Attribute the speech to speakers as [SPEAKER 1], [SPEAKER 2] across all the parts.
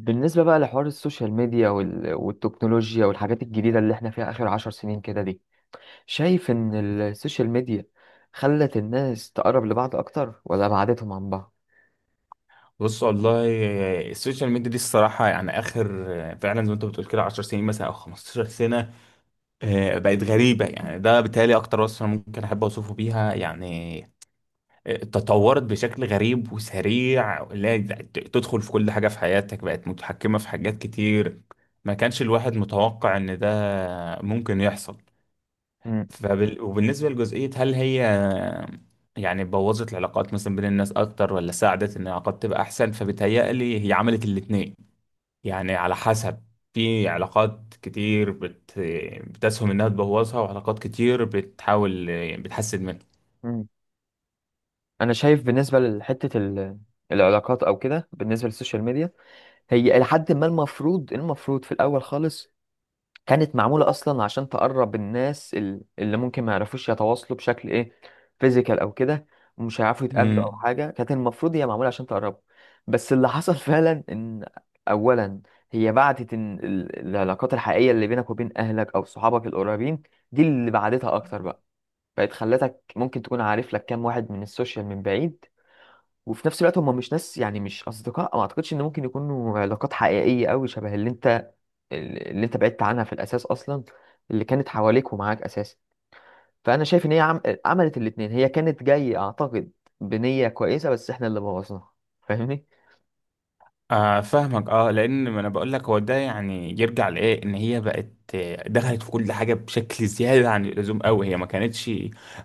[SPEAKER 1] بالنسبة بقى لحوار السوشيال ميديا والتكنولوجيا والحاجات الجديدة اللي احنا فيها آخر 10 سنين كده دي، شايف إن السوشيال ميديا خلت الناس تقرب لبعض أكتر ولا بعدتهم عن بعض؟
[SPEAKER 2] بص، والله السوشيال ميديا دي الصراحة يعني آخر، فعلا زي ما أنت بتقول كده، 10 سنين مثلا أو 15 سنة، بقت غريبة. يعني ده بالتالي أكتر وصف أنا ممكن أحب أوصفه بيها يعني. تطورت بشكل غريب وسريع، اللي هي تدخل في كل حاجة في حياتك، بقت متحكمة في حاجات كتير. ما كانش الواحد متوقع إن ده ممكن يحصل.
[SPEAKER 1] مم.
[SPEAKER 2] وبالنسبة لجزئية، هل هي يعني بوظت العلاقات مثلا بين الناس أكتر ولا ساعدت إن العلاقات تبقى أحسن؟ فبتهيألي هي عملت الاتنين. يعني على حسب، في علاقات كتير بتسهم إنها تبوظها، وعلاقات كتير بتحاول بتحسن منها.
[SPEAKER 1] مم. أنا شايف بالنسبة لحتة العلاقات أو كده، بالنسبة للسوشيال ميديا هي إلى حد ما المفروض في الأول خالص كانت معمولة أصلا عشان تقرب الناس اللي ممكن ما يعرفوش يتواصلوا بشكل فيزيكال أو كده، ومش هيعرفوا يتقابلوا أو
[SPEAKER 2] مم.
[SPEAKER 1] حاجة، كانت المفروض هي معمولة عشان تقربوا. بس اللي حصل فعلا إن أولا هي بعدت، إن العلاقات الحقيقية اللي بينك وبين أهلك أو صحابك القريبين دي اللي بعدتها أكتر بقى، بقت خلتك ممكن تكون عارف لك كام واحد من السوشيال من بعيد، وفي نفس الوقت هم مش ناس، يعني مش اصدقاء، ما اعتقدش ان ممكن يكونوا علاقات حقيقيه قوي شبه اللي انت، اللي انت بعدت عنها في الاساس اصلا، اللي كانت حواليك ومعاك اساسا. فانا شايف ان هي عملت الاتنين، هي كانت جايه اعتقد بنيه كويسه بس احنا اللي بوظناها، فاهمني.
[SPEAKER 2] آه، فاهمك. اه، لان ما انا بقول لك هو ده، يعني يرجع لايه؟ ان هي بقت، دخلت في كل حاجه بشكل زياده عن اللزوم قوي. هي ما كانتش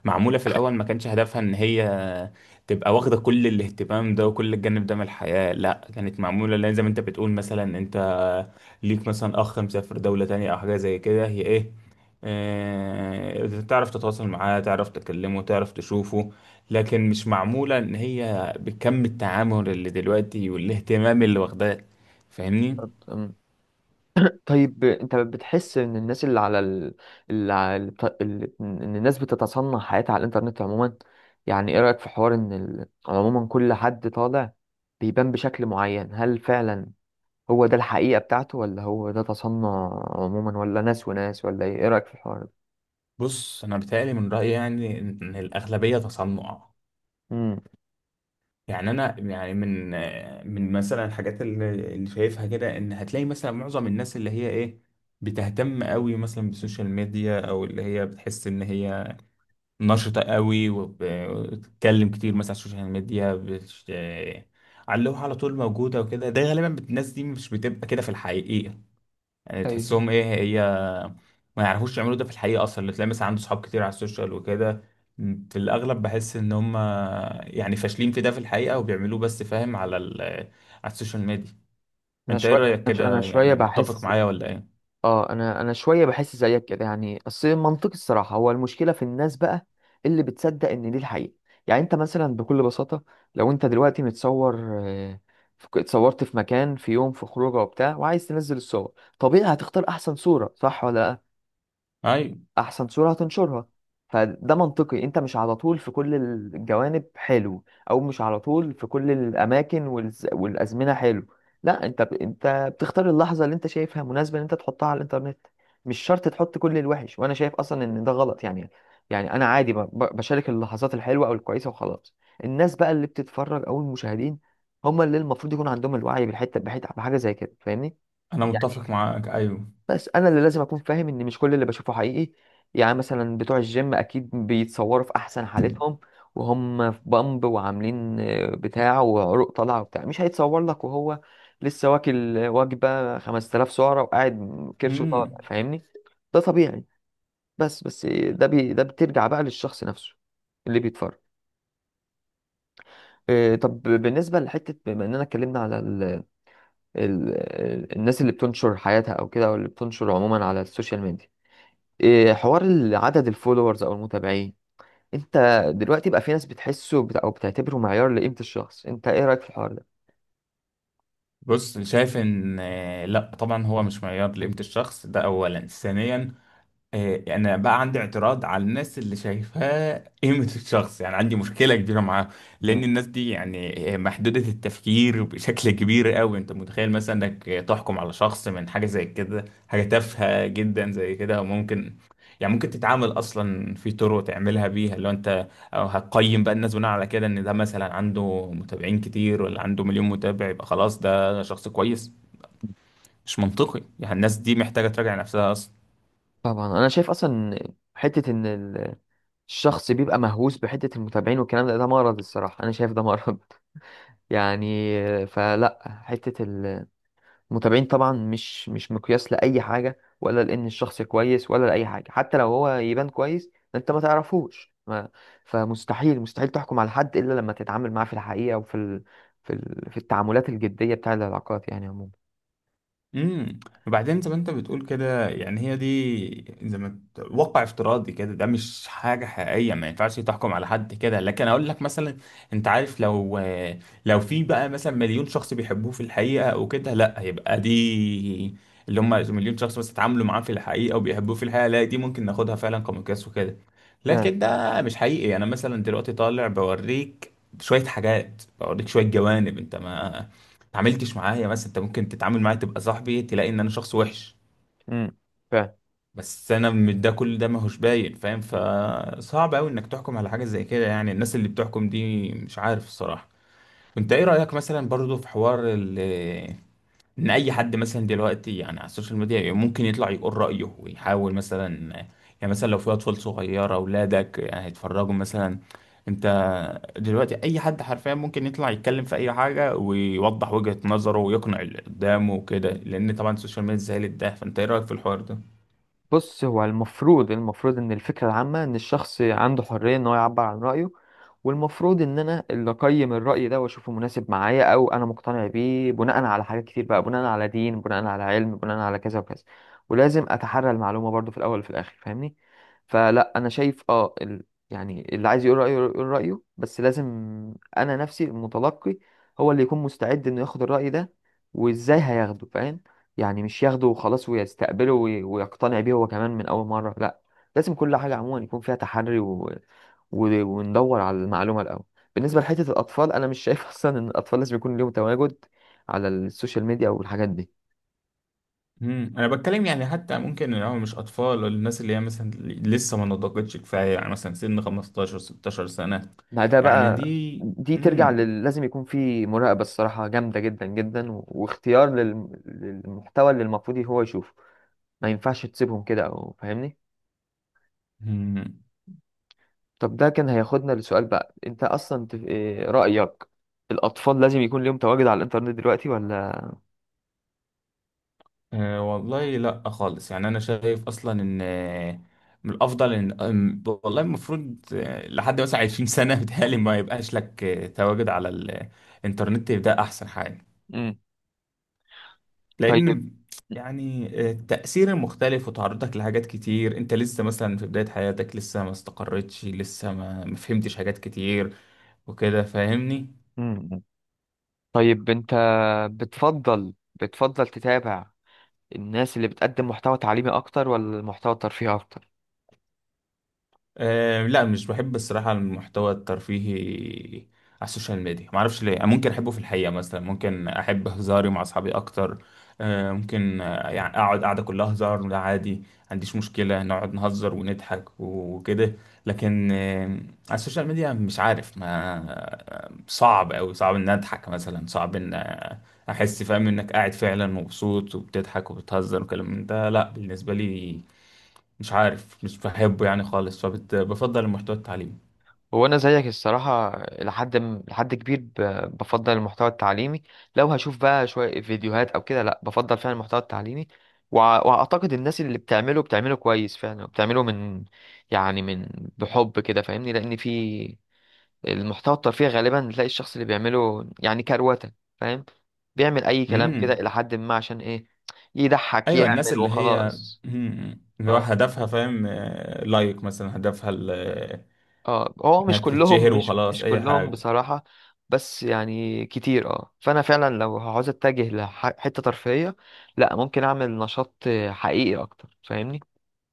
[SPEAKER 2] معموله في الاول. ما كانش هدفها ان هي تبقى واخده كل الاهتمام ده وكل الجانب ده من الحياه، لا، كانت معموله لان زي ما انت بتقول، مثلا انت ليك مثلا اخ مسافر دولة تانية او حاجة زي كده، هي ايه؟ تعرف تتواصل معاه، تعرف تكلمه، تعرف تشوفه. لكن مش معمولة ان هي بكم التعامل اللي دلوقتي والاهتمام اللي واخداه، فاهمني؟
[SPEAKER 1] أم. طيب انت بتحس ان الناس اللي على ال... اللي على... الط- اللي... ان الناس بتتصنع حياتها على الانترنت عموما؟ يعني ايه رايك في حوار ان عموما كل حد طالع بيبان بشكل معين، هل فعلا هو ده الحقيقة بتاعته ولا هو ده تصنع عموما، ولا ناس وناس، ولا ايه؟ ايه رأيك في الحوار ده؟
[SPEAKER 2] بص، انا بتهيألي من رأيي يعني ان الاغلبية تصنع.
[SPEAKER 1] امم.
[SPEAKER 2] يعني انا يعني من مثلا الحاجات اللي شايفها كده، ان هتلاقي مثلا معظم الناس اللي هي ايه، بتهتم قوي مثلا بالسوشيال ميديا، او اللي هي بتحس ان هي نشطة قوي وبتتكلم كتير مثلا على السوشيال ميديا، بتش... آه، على اللوحة على طول موجودة وكده. ده غالبا الناس دي مش بتبقى كده في الحقيقة. يعني
[SPEAKER 1] ايوه.
[SPEAKER 2] تحسهم ايه؟ هي ما يعرفوش يعملوا ده في الحقيقة أصلا. اللي تلاقي مثلا عنده صحاب كتير على السوشيال وكده، في الأغلب بحس إن هم يعني فاشلين في ده في الحقيقة وبيعملوه بس، فاهم؟ على السوشيال ميديا.
[SPEAKER 1] انا
[SPEAKER 2] أنت إيه
[SPEAKER 1] شوية
[SPEAKER 2] رأيك
[SPEAKER 1] انا ش- أنا
[SPEAKER 2] كده؟
[SPEAKER 1] شوية
[SPEAKER 2] يعني متفق
[SPEAKER 1] بحس.
[SPEAKER 2] معايا ولا إيه؟
[SPEAKER 1] اه، انا شوية بحس زيك كده، يعني اصل منطقي الصراحة، هو المشكلة في الناس بقى اللي بتصدق ان دي الحقيقة. يعني انت مثلا بكل بساطة، لو انت دلوقتي متصور، آه، اتصورت في مكان، في يوم، في خروجه وبتاع، وعايز تنزل الصور، طبيعي هتختار احسن صورة، صح ولا لا؟
[SPEAKER 2] أيوه.
[SPEAKER 1] احسن صورة هتنشرها. فده منطقي، انت مش على طول في كل الجوانب حلو، او مش على طول في كل الاماكن والازمنة حلو. لا، انت انت بتختار اللحظة اللي انت شايفها مناسبة ان انت تحطها على الانترنت. مش شرط تحط كل الوحش، وانا شايف اصلا ان ده غلط يعني. يعني انا عادي بشارك اللحظات الحلوة او الكويسة وخلاص. الناس بقى اللي بتتفرج او المشاهدين هم اللي المفروض يكون عندهم الوعي بالحتة، بحاجة زي كده، فاهمني.
[SPEAKER 2] أنا متفق معاك. أيوه.
[SPEAKER 1] بس انا اللي لازم اكون فاهم ان مش كل اللي بشوفه حقيقي. يعني مثلا بتوع الجيم اكيد بيتصوروا في احسن حالتهم، وهم في بامب وعاملين بتاع، وعروق طالعه وبتاع، مش هيتصور لك وهو لسه واكل وجبه 5000 سعره وقاعد كرشه طالع،
[SPEAKER 2] مم.
[SPEAKER 1] فاهمني. ده طبيعي. بس ده بترجع بقى للشخص نفسه اللي بيتفرج. طب بالنسبة لحتة، بما إننا اتكلمنا على ال ال الناس اللي بتنشر حياتها أو كده، أو اللي بتنشر عموما على السوشيال ميديا، حوار عدد الفولورز او المتابعين. انت دلوقتي بقى في ناس بتحسه او بتعتبره معيار لقيمة الشخص، انت ايه رأيك في الحوار ده؟
[SPEAKER 2] بص، شايف ان لا، طبعا هو مش معيار لقيمة الشخص، ده اولا. ثانيا، انا بقى عندي اعتراض على الناس اللي شايفاه قيمة الشخص، يعني عندي مشكلة كبيرة معاهم.
[SPEAKER 1] مم.
[SPEAKER 2] لان الناس دي يعني محدودة التفكير بشكل كبير قوي. انت متخيل مثلا انك تحكم على شخص من حاجة زي كده، حاجة تافهة جدا زي كده؟ وممكن يعني ممكن تتعامل اصلا في طرق تعملها بيها اللي هو انت، أو هتقيم بقى الناس بناء على كده؟ ان ده مثلا عنده متابعين كتير، ولا عنده مليون متابع يبقى خلاص ده شخص كويس؟ مش منطقي يعني. الناس دي محتاجة تراجع نفسها.
[SPEAKER 1] طبعا انا شايف اصلا حتة ان الشخص بيبقى مهووس بحتة المتابعين والكلام ده، ده مرض الصراحة، انا شايف ده مرض يعني. فلا، حتة متابعين طبعا مش مقياس لأي حاجة، ولا لأن الشخص كويس، ولا لأي حاجة. حتى لو هو يبان كويس أنت ما تعرفوش ما فمستحيل تحكم على حد إلا لما تتعامل معاه في الحقيقة، وفي ال... في ال... في التعاملات الجدية، بتاع العلاقات يعني عموما.
[SPEAKER 2] امم وبعدين زي ما انت بتقول كده، يعني هي دي زي ما واقع افتراضي كده، ده مش حاجه حقيقيه، ما ينفعش تحكم على حد كده. لكن اقول لك مثلا، انت عارف، لو في بقى مثلا مليون شخص بيحبوه في الحقيقه او كده، لا، هيبقى دي اللي هم مليون شخص بس اتعاملوا معاه في الحقيقه وبيحبوه في الحقيقه، لا، دي ممكن ناخدها فعلا كمقياس وكده.
[SPEAKER 1] فاهم.
[SPEAKER 2] لكن ده مش حقيقي. انا مثلا دلوقتي طالع بوريك شويه حاجات، بوريك شويه جوانب، انت ما اتعاملتش معايا. بس انت ممكن تتعامل معايا تبقى صاحبي، تلاقي ان انا شخص وحش.
[SPEAKER 1] امم.
[SPEAKER 2] بس انا من ده، كل ده ماهوش باين، فاهم؟ فصعب قوي
[SPEAKER 1] فاهم.
[SPEAKER 2] انك تحكم على حاجه زي كده. يعني الناس اللي بتحكم دي مش عارف الصراحه. انت ايه رايك مثلا برضو في حوار ان اي حد مثلا دلوقتي يعني على السوشيال ميديا ممكن يطلع يقول رايه ويحاول مثلا، يعني مثلا لو في اطفال صغيره اولادك يعني هيتفرجوا مثلا؟ انت دلوقتي اي حد حرفيا ممكن يطلع يتكلم في اي حاجه ويوضح وجهه نظره ويقنع اللي قدامه وكده، لان طبعا السوشيال ميديا سهلت ده. فانت ايه رايك في الحوار ده؟
[SPEAKER 1] بص، هو المفروض ان الفكره العامه ان الشخص عنده حريه ان هو يعبر عن رايه، والمفروض ان انا اللي اقيم الراي ده واشوفه مناسب معايا او انا مقتنع بيه بناء على حاجات كتير بقى، بناء على دين، بناء على علم، بناء على كذا وكذا. ولازم اتحرى المعلومه برضو في الاول وفي الاخر، فاهمني. فلا، انا شايف اه يعني اللي عايز يقول رايه يقول رايه، بس لازم انا، نفسي المتلقي هو اللي يكون مستعد انه ياخد الراي ده، وازاي هياخده، فاهم؟ يعني مش ياخده وخلاص ويستقبله ويقتنع بيه هو كمان من أول مرة، لا. لازم كل حاجة عموما يكون فيها تحري وندور على المعلومة الأول. بالنسبة لحتة الأطفال أنا مش شايف أصلا إن الأطفال لازم يكون ليهم تواجد على السوشيال ميديا والحاجات دي.
[SPEAKER 2] انا بتكلم يعني حتى ممكن ان هو مش اطفال، ولا الناس اللي هي مثلا لسه ما نضجتش كفايه، يعني مثلا سن 15 16 سنه،
[SPEAKER 1] ما ده يعني
[SPEAKER 2] يعني
[SPEAKER 1] بقى،
[SPEAKER 2] دي.
[SPEAKER 1] لازم يكون في مراقبة الصراحة جامدة جدا جدا واختيار للمحتوى اللي المفروض هو يشوفه. ما ينفعش تسيبهم كده أو، فاهمني.
[SPEAKER 2] امم
[SPEAKER 1] طب ده كان هياخدنا لسؤال بقى، انت اصلا إيه رأيك، الاطفال لازم يكون ليهم تواجد على الانترنت دلوقتي ولا؟
[SPEAKER 2] أه، والله لا خالص. يعني انا شايف اصلا ان من الافضل ان والله المفروض لحد مثلا 20 سنه بتهيألي ما يبقاش لك تواجد على الانترنت. ده احسن حاجه،
[SPEAKER 1] امم. طيب.
[SPEAKER 2] لان يعني التأثير المختلف وتعرضك لحاجات كتير. انت لسه مثلا في بدايه حياتك، لسه ما استقرتش، لسه ما فهمتش حاجات كتير وكده، فاهمني؟
[SPEAKER 1] امم. طيب انت بتفضل تتابع الناس اللي بتقدم محتوى تعليمي اكتر، ولا محتوى ترفيهي اكتر؟
[SPEAKER 2] أه، لا، مش بحب الصراحة المحتوى الترفيهي على السوشيال ميديا. معرفش ليه. أنا ممكن أحبه في الحقيقة، مثلا ممكن أحب هزاري مع أصحابي أكتر. أه ممكن يعني أقعد قعدة كلها هزار، وده عادي، ما عنديش مشكلة نقعد نهزر ونضحك وكده. لكن على السوشيال ميديا مش عارف، ما آه، صعب أوي، صعب إن أضحك مثلا، صعب إن أحس، فاهم؟ إنك قاعد فعلا مبسوط وبتضحك وبتهزر وكلام من ده، لا بالنسبة لي مش عارف، مش بحبه يعني خالص. فبفضل المحتوى التعليمي.
[SPEAKER 1] هو انا زيك الصراحه، لحد كبير بفضل المحتوى التعليمي. لو هشوف بقى شويه فيديوهات او كده، لا، بفضل فعلا المحتوى التعليمي. واعتقد الناس اللي بتعمله بتعمله كويس فعلا، وبتعمله من يعني من بحب كده فاهمني، لان في المحتوى الترفيهي غالبا بتلاقي الشخص اللي بيعمله يعني كروته، فاهم، بيعمل اي كلام كده
[SPEAKER 2] امم
[SPEAKER 1] الى حد ما عشان ايه، يضحك،
[SPEAKER 2] ايوه، الناس
[SPEAKER 1] يعمل
[SPEAKER 2] اللي هي
[SPEAKER 1] وخلاص.
[SPEAKER 2] اللي هو
[SPEAKER 1] آه.
[SPEAKER 2] هدفها، فاهم؟ لايك مثلا، هدفها
[SPEAKER 1] اه، هو
[SPEAKER 2] انها
[SPEAKER 1] مش كلهم،
[SPEAKER 2] تتشهر
[SPEAKER 1] مش
[SPEAKER 2] وخلاص
[SPEAKER 1] مش
[SPEAKER 2] اي
[SPEAKER 1] كلهم
[SPEAKER 2] حاجه.
[SPEAKER 1] بصراحة، بس يعني كتير، فانا فعلا لو عاوز اتجه لحتة ترفيهية، لا، ممكن اعمل نشاط حقيقي اكتر، فاهمني.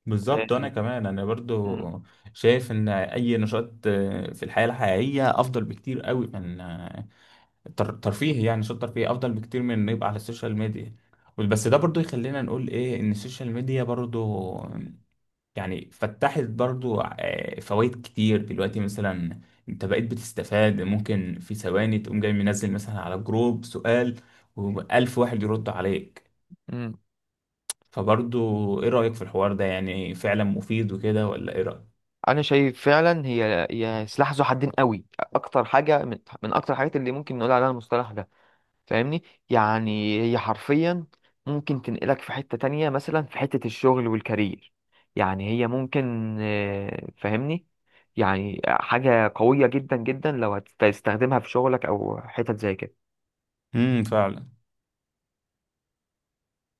[SPEAKER 2] بالظبط. انا
[SPEAKER 1] آه.
[SPEAKER 2] كمان انا
[SPEAKER 1] مم.
[SPEAKER 2] برضو شايف ان اي نشاط في الحياه الحقيقيه افضل بكتير قوي من ترفيه، يعني نشاط ترفيه افضل بكتير من انه يبقى على السوشيال ميديا. بس ده برضو يخلينا نقول ايه؟ ان السوشيال ميديا برضو يعني فتحت برضو فوائد كتير دلوقتي. مثلا انت بقيت بتستفاد، ممكن في ثواني تقوم جاي منزل مثلا على جروب سؤال، وألف واحد يرد عليك.
[SPEAKER 1] مم.
[SPEAKER 2] فبرضو ايه رأيك في الحوار ده؟ يعني فعلا مفيد وكده ولا ايه رأيك؟
[SPEAKER 1] انا شايف فعلا هي، هي سلاح ذو حدين قوي، اكتر حاجة من اكتر الحاجات اللي ممكن نقول عليها المصطلح ده، فاهمني. يعني هي حرفيا ممكن تنقلك في حتة تانية، مثلا في حتة الشغل والكارير، يعني هي ممكن، فاهمني، يعني حاجة قوية جدا جدا لو هتستخدمها في شغلك أو حتت زي كده.
[SPEAKER 2] فعلا.